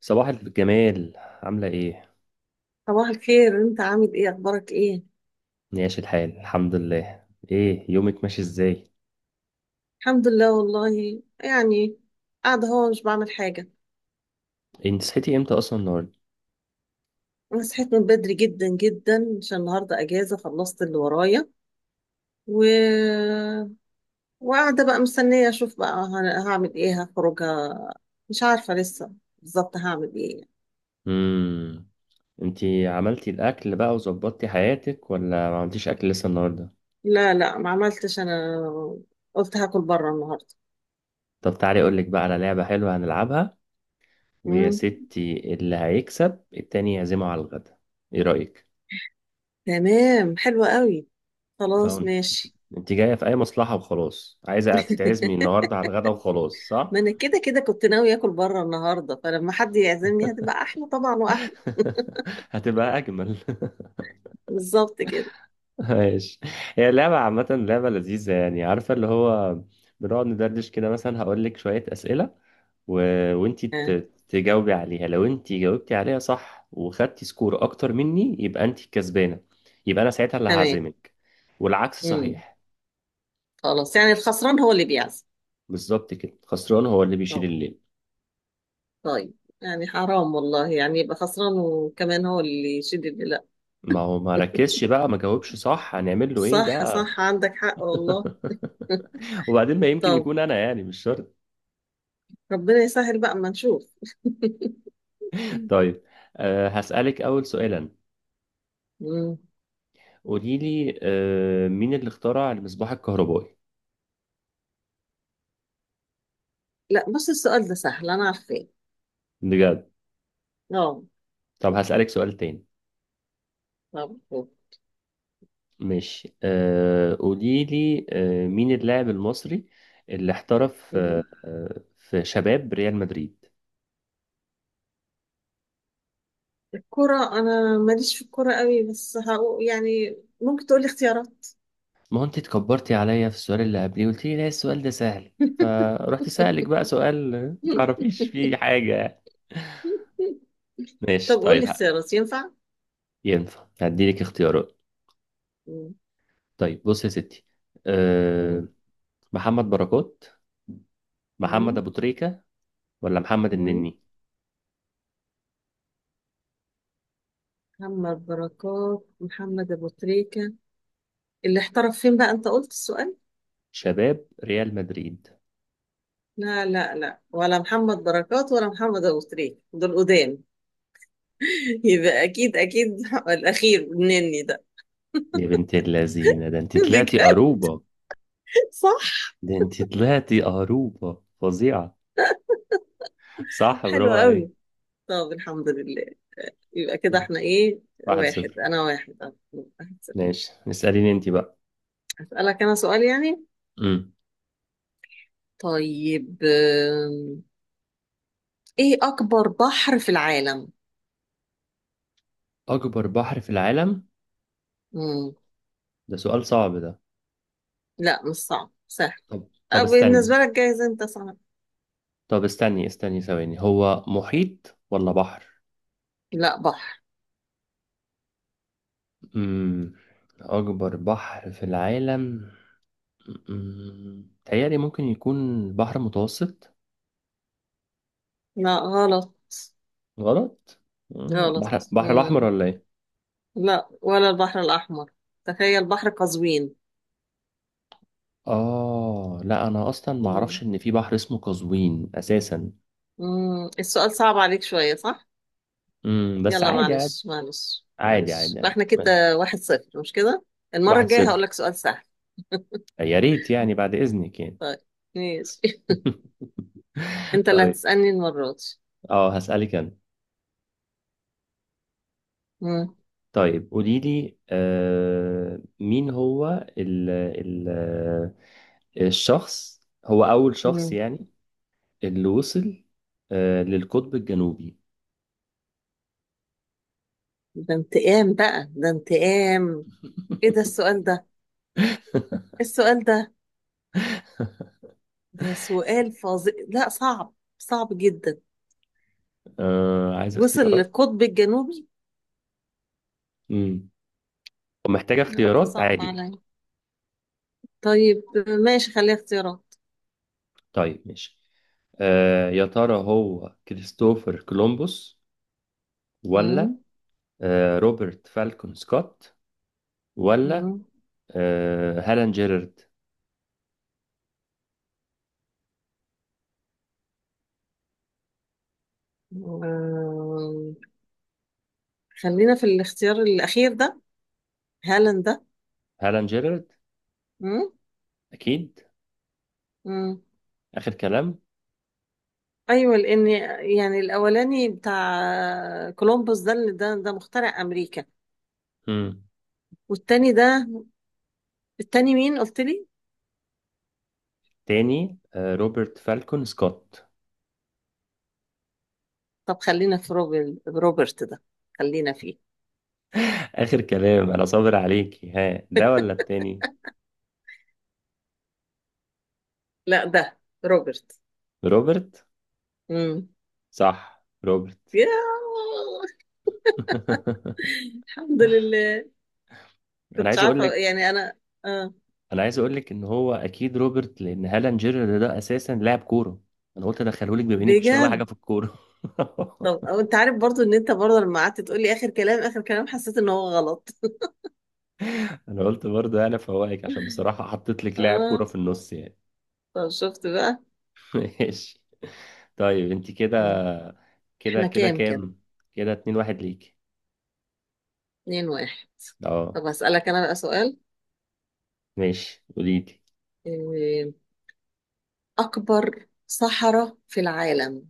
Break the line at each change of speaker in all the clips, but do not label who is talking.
صباح الجمال، عاملة ايه؟
صباح الخير، انت عامل ايه؟ اخبارك ايه؟
ماشي الحال، الحمد لله. ايه يومك ماشي ازاي؟
الحمد لله، والله يعني قاعده اهو مش بعمل حاجه.
إيه، انت صحيتي امتى اصلا النهاردة؟
انا صحيت من بدري جدا جدا عشان النهارده اجازه خلصت اللي ورايا و... وقاعده بقى مستنيه اشوف بقى هعمل ايه، هخرجها، مش عارفه لسه بالظبط هعمل ايه.
امم. انتي عملتي الاكل بقى وظبطتي حياتك ولا ما عملتيش اكل لسه النهاردة؟
لا لا، ما عملتش انا، قلت هاكل بره النهارده.
طب تعالي اقولك بقى على لعبة حلوة هنلعبها، ويا
مم.
ستي اللي هيكسب التاني يعزمه على الغدا. ايه رأيك؟
تمام، حلوه قوي، خلاص
اه،
ماشي.
انت جاية في اي مصلحة وخلاص عايزة تتعزمي النهاردة على الغدا وخلاص صح؟
ما انا كده كده كنت ناوي اكل بره النهارده، فلما حد يعزمني هتبقى احلى طبعا واحلى.
هتبقى اجمل.
بالظبط كده.
ماشي. هي اللعبة عامة لعبة لذيذة، يعني عارفة اللي هو، بنقعد ندردش كده، مثلا هقول لك شوية أسئلة و... وانتي ت...
آه.
تجاوبي عليها. لو انتي جاوبتي عليها صح وخدتي سكور أكتر مني يبقى انتي الكسبانة، يبقى أنا ساعتها اللي
تمام.
هعزمك، والعكس
امم.
صحيح.
خلاص يعني الخسران هو اللي بيعزم.
بالظبط كده، خسران هو اللي بيشيل
طب
الليل.
طيب يعني حرام والله يعني يبقى خسران وكمان هو اللي يشيل، اللي لا.
ما هو ما ركزش بقى، ما جاوبش صح، هنعمل له ايه
صح
بقى؟
صح، عندك حق والله.
وبعدين ما يمكن
طب
يكون انا، يعني مش شرط.
ربنا يسهل بقى اما نشوف.
طيب، هسألك أول سؤالا.
مم.
قولي لي مين اللي اخترع المصباح الكهربائي؟
لا بص، السؤال ده سهل، انا عارفاه.
بجد.
اه.
طب هسألك سؤال تاني.
طب طب.
ماشي، قولي لي مين اللاعب المصري اللي احترف
مم.
في شباب ريال مدريد؟
الكرة انا ماليش في الكرة قوي، بس هقول يعني ممكن تقولي اختيارات.
ما هو انت اتكبرتي عليا في السؤال اللي قبليه، قلت لي لا السؤال ده سهل، فرحت سألك بقى سؤال ما تعرفيش فيه حاجة.
طب
ماشي
قول
طيب.
لي اختيارات، ينفع؟
ينفع، هديلك اختيارات.
مم.
طيب بص يا ستي.
مم.
أه محمد بركات، محمد
مم.
ابو تريكة، ولا محمد
مم.
النني؟
محمد بركات، محمد أبو تريكة، اللي احترف فين بقى أنت قلت السؤال؟
شباب ريال مدريد.
لا لا لا، ولا محمد بركات ولا محمد أبو تريكة دول قدام. يبقى أكيد أكيد الأخير مني ده.
يا بنت اللذينة، ده انت طلعتي
بجد؟
قروبة،
صح.
ده انت طلعتي قروبة فظيعة. صح
حلو
برافو عليك.
قوي، طب الحمد لله، يبقى كده
مم.
احنا ايه؟
واحد
واحد،
صفر
أنا واحد، أه.
ماشي، اسأليني انت بقى.
هسألك أنا سؤال يعني،
مم.
طيب، ايه اكبر بحر في العالم؟
أكبر بحر في العالم.
مم.
ده سؤال صعب ده.
لا مش صعب، سهل.
طب طب استني.
بالنسبة لك جايز انت صعب.
طب استني استني ثواني، هو محيط ولا بحر؟
لا، بحر.
مم. أكبر بحر في العالم. تهيألي ممكن يكون بحر متوسط.
لا غلط.
غلط.
غلط.
بحر، بحر الأحمر
مم.
ولا إيه؟
لا ولا البحر الاحمر، تخيل، بحر قزوين.
لا أنا أصلا ما أعرفش
مم.
إن في بحر اسمه قزوين أساسا.
مم. السؤال صعب عليك شوية، صح.
مم. بس
يلا
عادي عادي
معلش معلش
عادي
معلش،
عادي عادي.
احنا كده 1-0، مش كده؟ المرة
واحد
الجاية
صفر
هقولك سؤال سهل.
يا ريت يعني بعد إذنك يعني.
طيب ماشي. انت اللي
طيب،
هتسألني المرة دي.
اه هسألك انا.
مم.
طيب قولي لي مين هو ال ال آه، الشخص، هو أول شخص،
مم.
يعني اللي وصل للقطب الجنوبي.
ده انتقام بقى، ده انتقام. ايه ده السؤال ده؟ السؤال ده سؤال فظيع، لا صعب صعب جدا.
عايز
وصل
اختيارات.
للقطب الجنوبي.
مم. ومحتاجة
لا ده
اختيارات
صعب
عادي.
عليا. طيب ماشي، خليها اختيارات.
طيب ماشي. يا ترى هو كريستوفر كولومبوس، ولا
مم.
روبرت فالكون سكوت، ولا
مم.
هالان جيرارد؟
آه، خلينا في الاختيار الأخير ده، هالاند ده.
هالان جيرارد؟
مم.
أكيد؟
مم.
آخر كلام.
أيوة لأن يعني الأولاني بتاع كولومبوس ده اللي ده مخترع أمريكا.
مم.
والتاني ده، التاني مين قلت لي؟
تاني روبرت فالكون سكوت.
طب خلينا في روبرت ده، خلينا فيه.
آخر كلام، أنا صابر عليكي، ها ده ولا التاني؟
لا ده روبرت.
روبرت.
امم.
صح روبرت.
يا الحمد لله،
أنا
كنتش
عايز أقول
عارفه
لك،
يعني انا. اه
انا عايز اقول لك ان هو اكيد روبرت لان هالان جيرر ده اساسا لاعب كوره، انا قلت ادخله لك بما انك مش فاهمه
بجد.
حاجه في الكوره.
طب أو انت عارف برضو ان انت برضو لما قعدت تقول لي اخر كلام اخر كلام حسيت ان هو غلط.
انا قلت برضه انا فوائك عشان بصراحه حطيت لك لاعب
اه،
كوره في النص يعني.
طب شفت بقى.
ماشي. طيب انت كده
مم.
كده
احنا
كده
كام كده؟
كام؟ كده 2-1 ليك.
2-1.
اه.
طب هسألك انا بقى سؤال،
ماشي قولي لي.
إيه، اكبر صحراء في العالم؟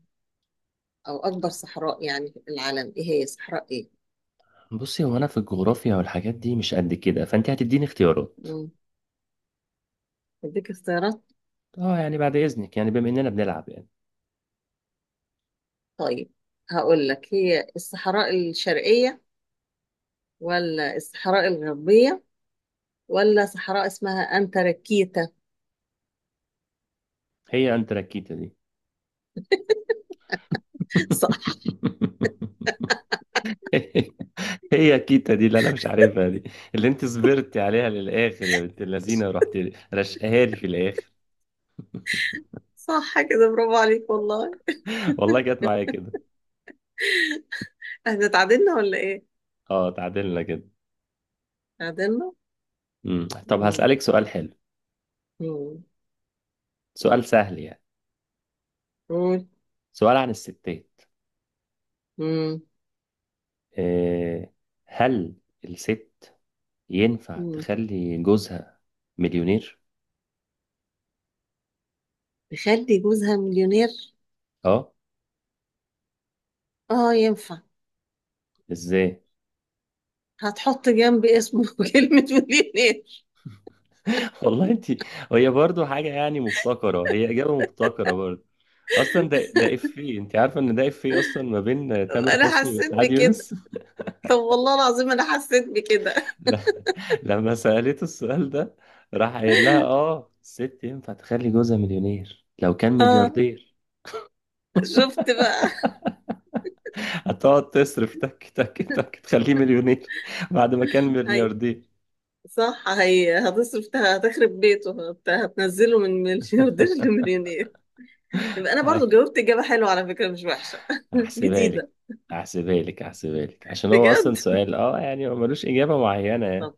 او اكبر صحراء يعني في العالم ايه، هي صحراء ايه؟
بصي، هو انا في الجغرافيا والحاجات دي مش قد كده، فانت هتديني اختيارات.
مم. اديك اختيارات.
اه يعني بعد اذنك يعني، بما اننا بنلعب يعني.
طيب هقول لك، هي الصحراء الشرقية ولا الصحراء الغربية ولا صحراء اسمها أنتاركتيكا؟
هي انتراكيتا دي؟
صح.
هي كيتا دي اللي انا مش عارفها دي، اللي انت صبرتي عليها للاخر يا بنت اللذينه، رحت رشقها لي في الاخر.
صح كده، برافو عليك والله.
والله جت معايا كده.
احنا اتعادلنا ولا ايه؟
اه، تعادلنا كده.
اتعادلنا؟
طب
مم.
هسألك سؤال حلو،
مم.
سؤال سهل يعني،
قول.
سؤال عن الستات.
مم.
إيه، هل الست ينفع
مم.
تخلي جوزها مليونير؟
تخلي جوزها مليونير؟
اه.
اه ينفع.
ازاي؟
هتحط جنب اسمه كلمة مليونير.
والله انت، هي برضو حاجة يعني مبتكرة، هي إجابة مبتكرة برضو. أصلا ده إفيه، انت عارفة إن ده إفيه أصلا ما بين تامر
انا
حسني
حسيت
وسعاد
بكده،
يونس؟
طب والله العظيم انا حسيت بكده.
ل- لما سألته السؤال ده، راح قايل لها الست ينفع تخلي جوزها مليونير لو كان
اه
ملياردير.
شفت بقى.
هتقعد تصرف تك تك تك تخليه مليونير بعد ما كان
هاي،
ملياردير.
صح هي هتصرف هتخرب بيته، هتنزله من ملياردير لمليونير. يبقى انا برضو جاوبت اجابه حلوه على فكره، مش وحشه
هحسبها لك
جديده.
هحسبها لك عشان هو أصلا
بجد؟
سؤال، يعني هو ملوش إجابة معينة.
طب.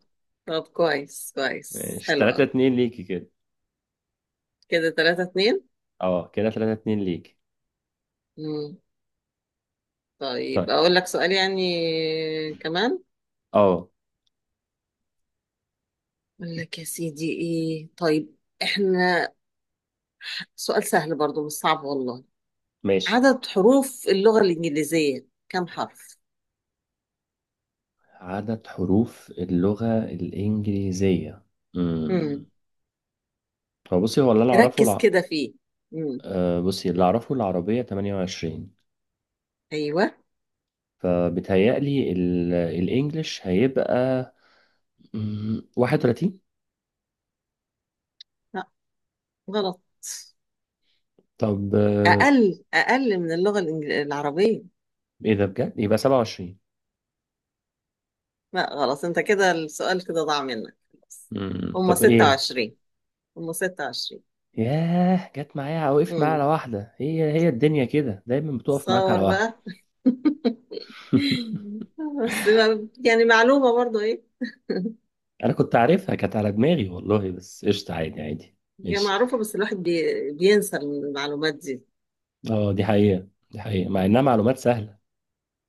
طب كويس كويس،
ماشي،
حلو
3
قوي.
2 ليكي كده.
كده 3-2.
اه كده 3-2 ليكي.
امم.
طيب،
طيب اقول لك سؤال يعني، كمان،
اه
اقول لك يا سيدي، ايه، طيب، احنا سؤال سهل برضو مش صعب والله.
ماشي.
عدد حروف اللغه الانجليزيه كم حرف؟
عدد حروف اللغة الإنجليزية؟ امم.
امم.
هو بصي، هو اللي أنا أعرفه
ركز كده فيه. امم.
بصي اللي أعرفه العربية 28،
ايوه.
فبيتهيألي الإنجليش هيبقى 31.
غلط.
طب
أقل أقل من العربية.
إيه ده بجد؟ يبقى 27.
لا غلط، أنت كده السؤال كده ضاع منك خلاص. هما
طب إيه؟
26، هما 26.
ياه جت معايا، وقفت معايا على
امم.
واحدة، هي الدنيا كده دايما بتقف معاك على
تصور
واحدة.
بقى. بس يعني معلومة برضو إيه.
انا كنت عارفها كانت على دماغي والله، بس قشطة، عادي عادي.
هي
ماشي.
معروفة، بس الواحد بينسى المعلومات دي.
اه دي حقيقة، دي حقيقة، مع انها معلومات سهلة.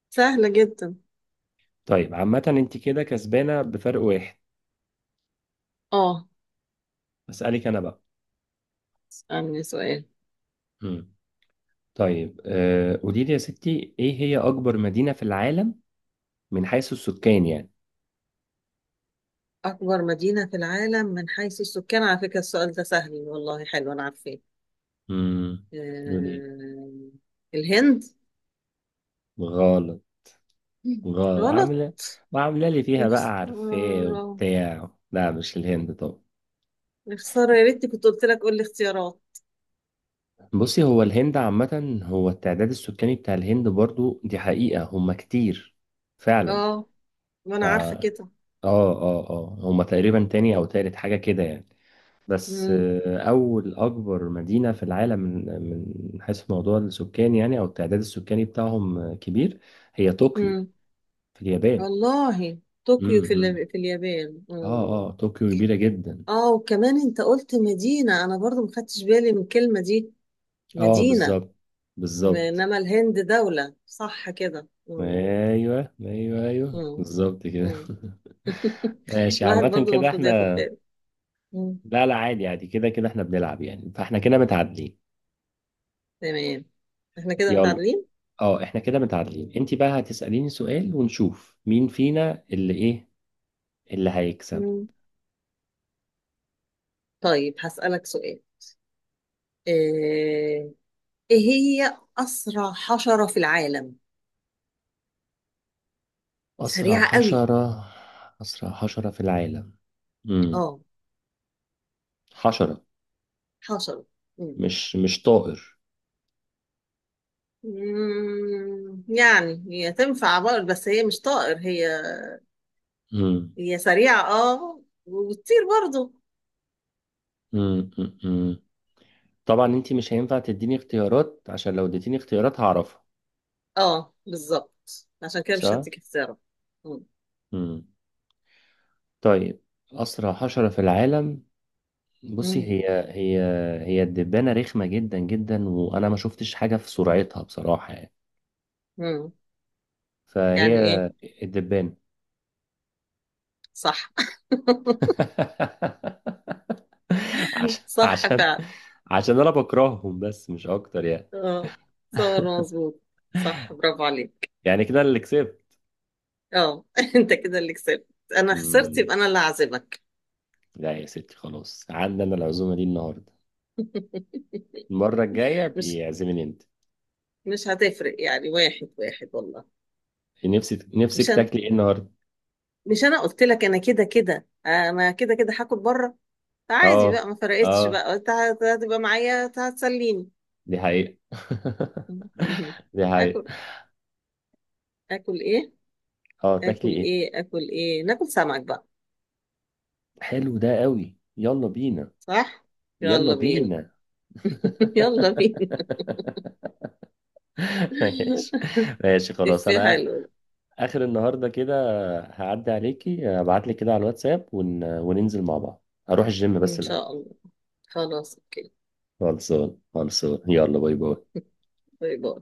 سهلة جدا.
طيب، عامة انت كده كسبانة بفرق واحد.
آه.
اسألك انا بقى.
اسألني سؤال.
مم. طيب، قولي لي يا ستي ايه هي اكبر مدينة في العالم، من حيث السكان يعني.
أكبر مدينة في العالم من حيث السكان، على فكرة السؤال ده سهل والله، حلو، أنا عارفاه.
امم. قولي.
آه، الهند.
غلط. غلط،
غلط.
عاملة وعاملة لي فيها
يا
بقى عارفاه
خسارة.
وبتاع، لا مش الهند.
يا خسارة، يا ريتني كنت قلت لك قول لي اختيارات.
بصي، هو الهند عامة، هو التعداد السكاني بتاع الهند برضو دي حقيقة، هما كتير فعلا.
اه. ما
ف
انا عارفة
اه
كده.
اه اه هما تقريبا تاني او تالت حاجة كده يعني، بس
مم.
أول أكبر مدينة في العالم، من حيث موضوع السكان يعني، أو التعداد السكاني بتاعهم كبير، هي طوكيو
مم.
في اليابان.
والله طوكيو في
امم.
في اليابان.
اه
مم.
طوكيو كبيرة جدا.
اه وكمان انت قلت مدينة، انا برضو ما خدتش بالي من الكلمة دي،
اه
مدينة.
بالظبط، بالظبط.
انما الهند دولة، صح كده. مم.
ايوه ايوه ايوه
مم.
بالظبط كده.
مم.
ماشي،
الواحد
عامة
برضو
كده
المفروض ياخد
احنا،
باله. مم.
لا لا، عادي عادي، كده كده احنا بنلعب يعني، فاحنا كده متعادلين.
تمام. احنا كده
يلا،
متعادلين.
اه احنا كده متعادلين،
مم.
انت بقى هتسأليني سؤال، ونشوف مين فينا اللي ايه، اللي هيكسب.
مم. طيب هسألك سؤال، آه، ايه هي اسرع حشرة في العالم؟
اسرع
سريعة قوي.
حشرة، اسرع حشرة في العالم. امم.
اه.
حشرة.
حشرة. مم.
مش طائر.
مم، يعني هي تنفع برضه، بس هي مش طائر، هي
امم
هي سريعة اه وبتطير برضه.
امم امم. طبعا انت مش هينفع تديني اختيارات، عشان لو اديتيني اختيارات هعرفها.
اه بالظبط، عشان كده مش
صح.
هديك اختيارات. مم.
امم. طيب. اسرع حشرة في العالم. بصي
مم.
هي، هي هي الدبانة، رخمة جدا جدا، وأنا ما شفتش حاجة في سرعتها بصراحة يعني،
مم.
فهي
يعني ايه؟
الدبانة.
صح.
عشان
صح
عشان
فعلا.
عشان أنا بكرههم، بس مش أكتر يعني.
اه صور مظبوط. صح برافو عليك.
يعني كده اللي كسبت.
اه. انت كده اللي كسبت. انا خسرت،
مم.
يبقى انا اللي هعزمك.
لا يا ستي، خلاص عندنا العزومة دي النهاردة. المرة الجاية
مش
بيعزمني أنت.
مش هتفرق يعني، 1-1 والله.
نفسك
مش انا.
تاكلي إيه النهاردة؟
قلت لك انا كده كده هاكل بره. عادي
أه
بقى، ما فرقتش
أه،
بقى، انت هتبقى معايا، هتسليني.
دي حقيقة. دي حقيقة.
اكل اكل ايه
تاكلي إيه؟
اكل ايه، ناكل سمك بقى.
حلو ده قوي، يلا بينا.
صح.
يلا
يلا بينا.
بينا.
يلا بينا.
ماشي. ماشي خلاص،
افيه
انا
حلو ده.
اخر النهارده كده، هعدي عليكي ابعت لك كده على الواتساب وننزل مع بعض، هروح الجيم بس
ان
الاول.
شاء الله. خلاص اوكي.
خلصان خلصان، يلا باي باي.
باي باي.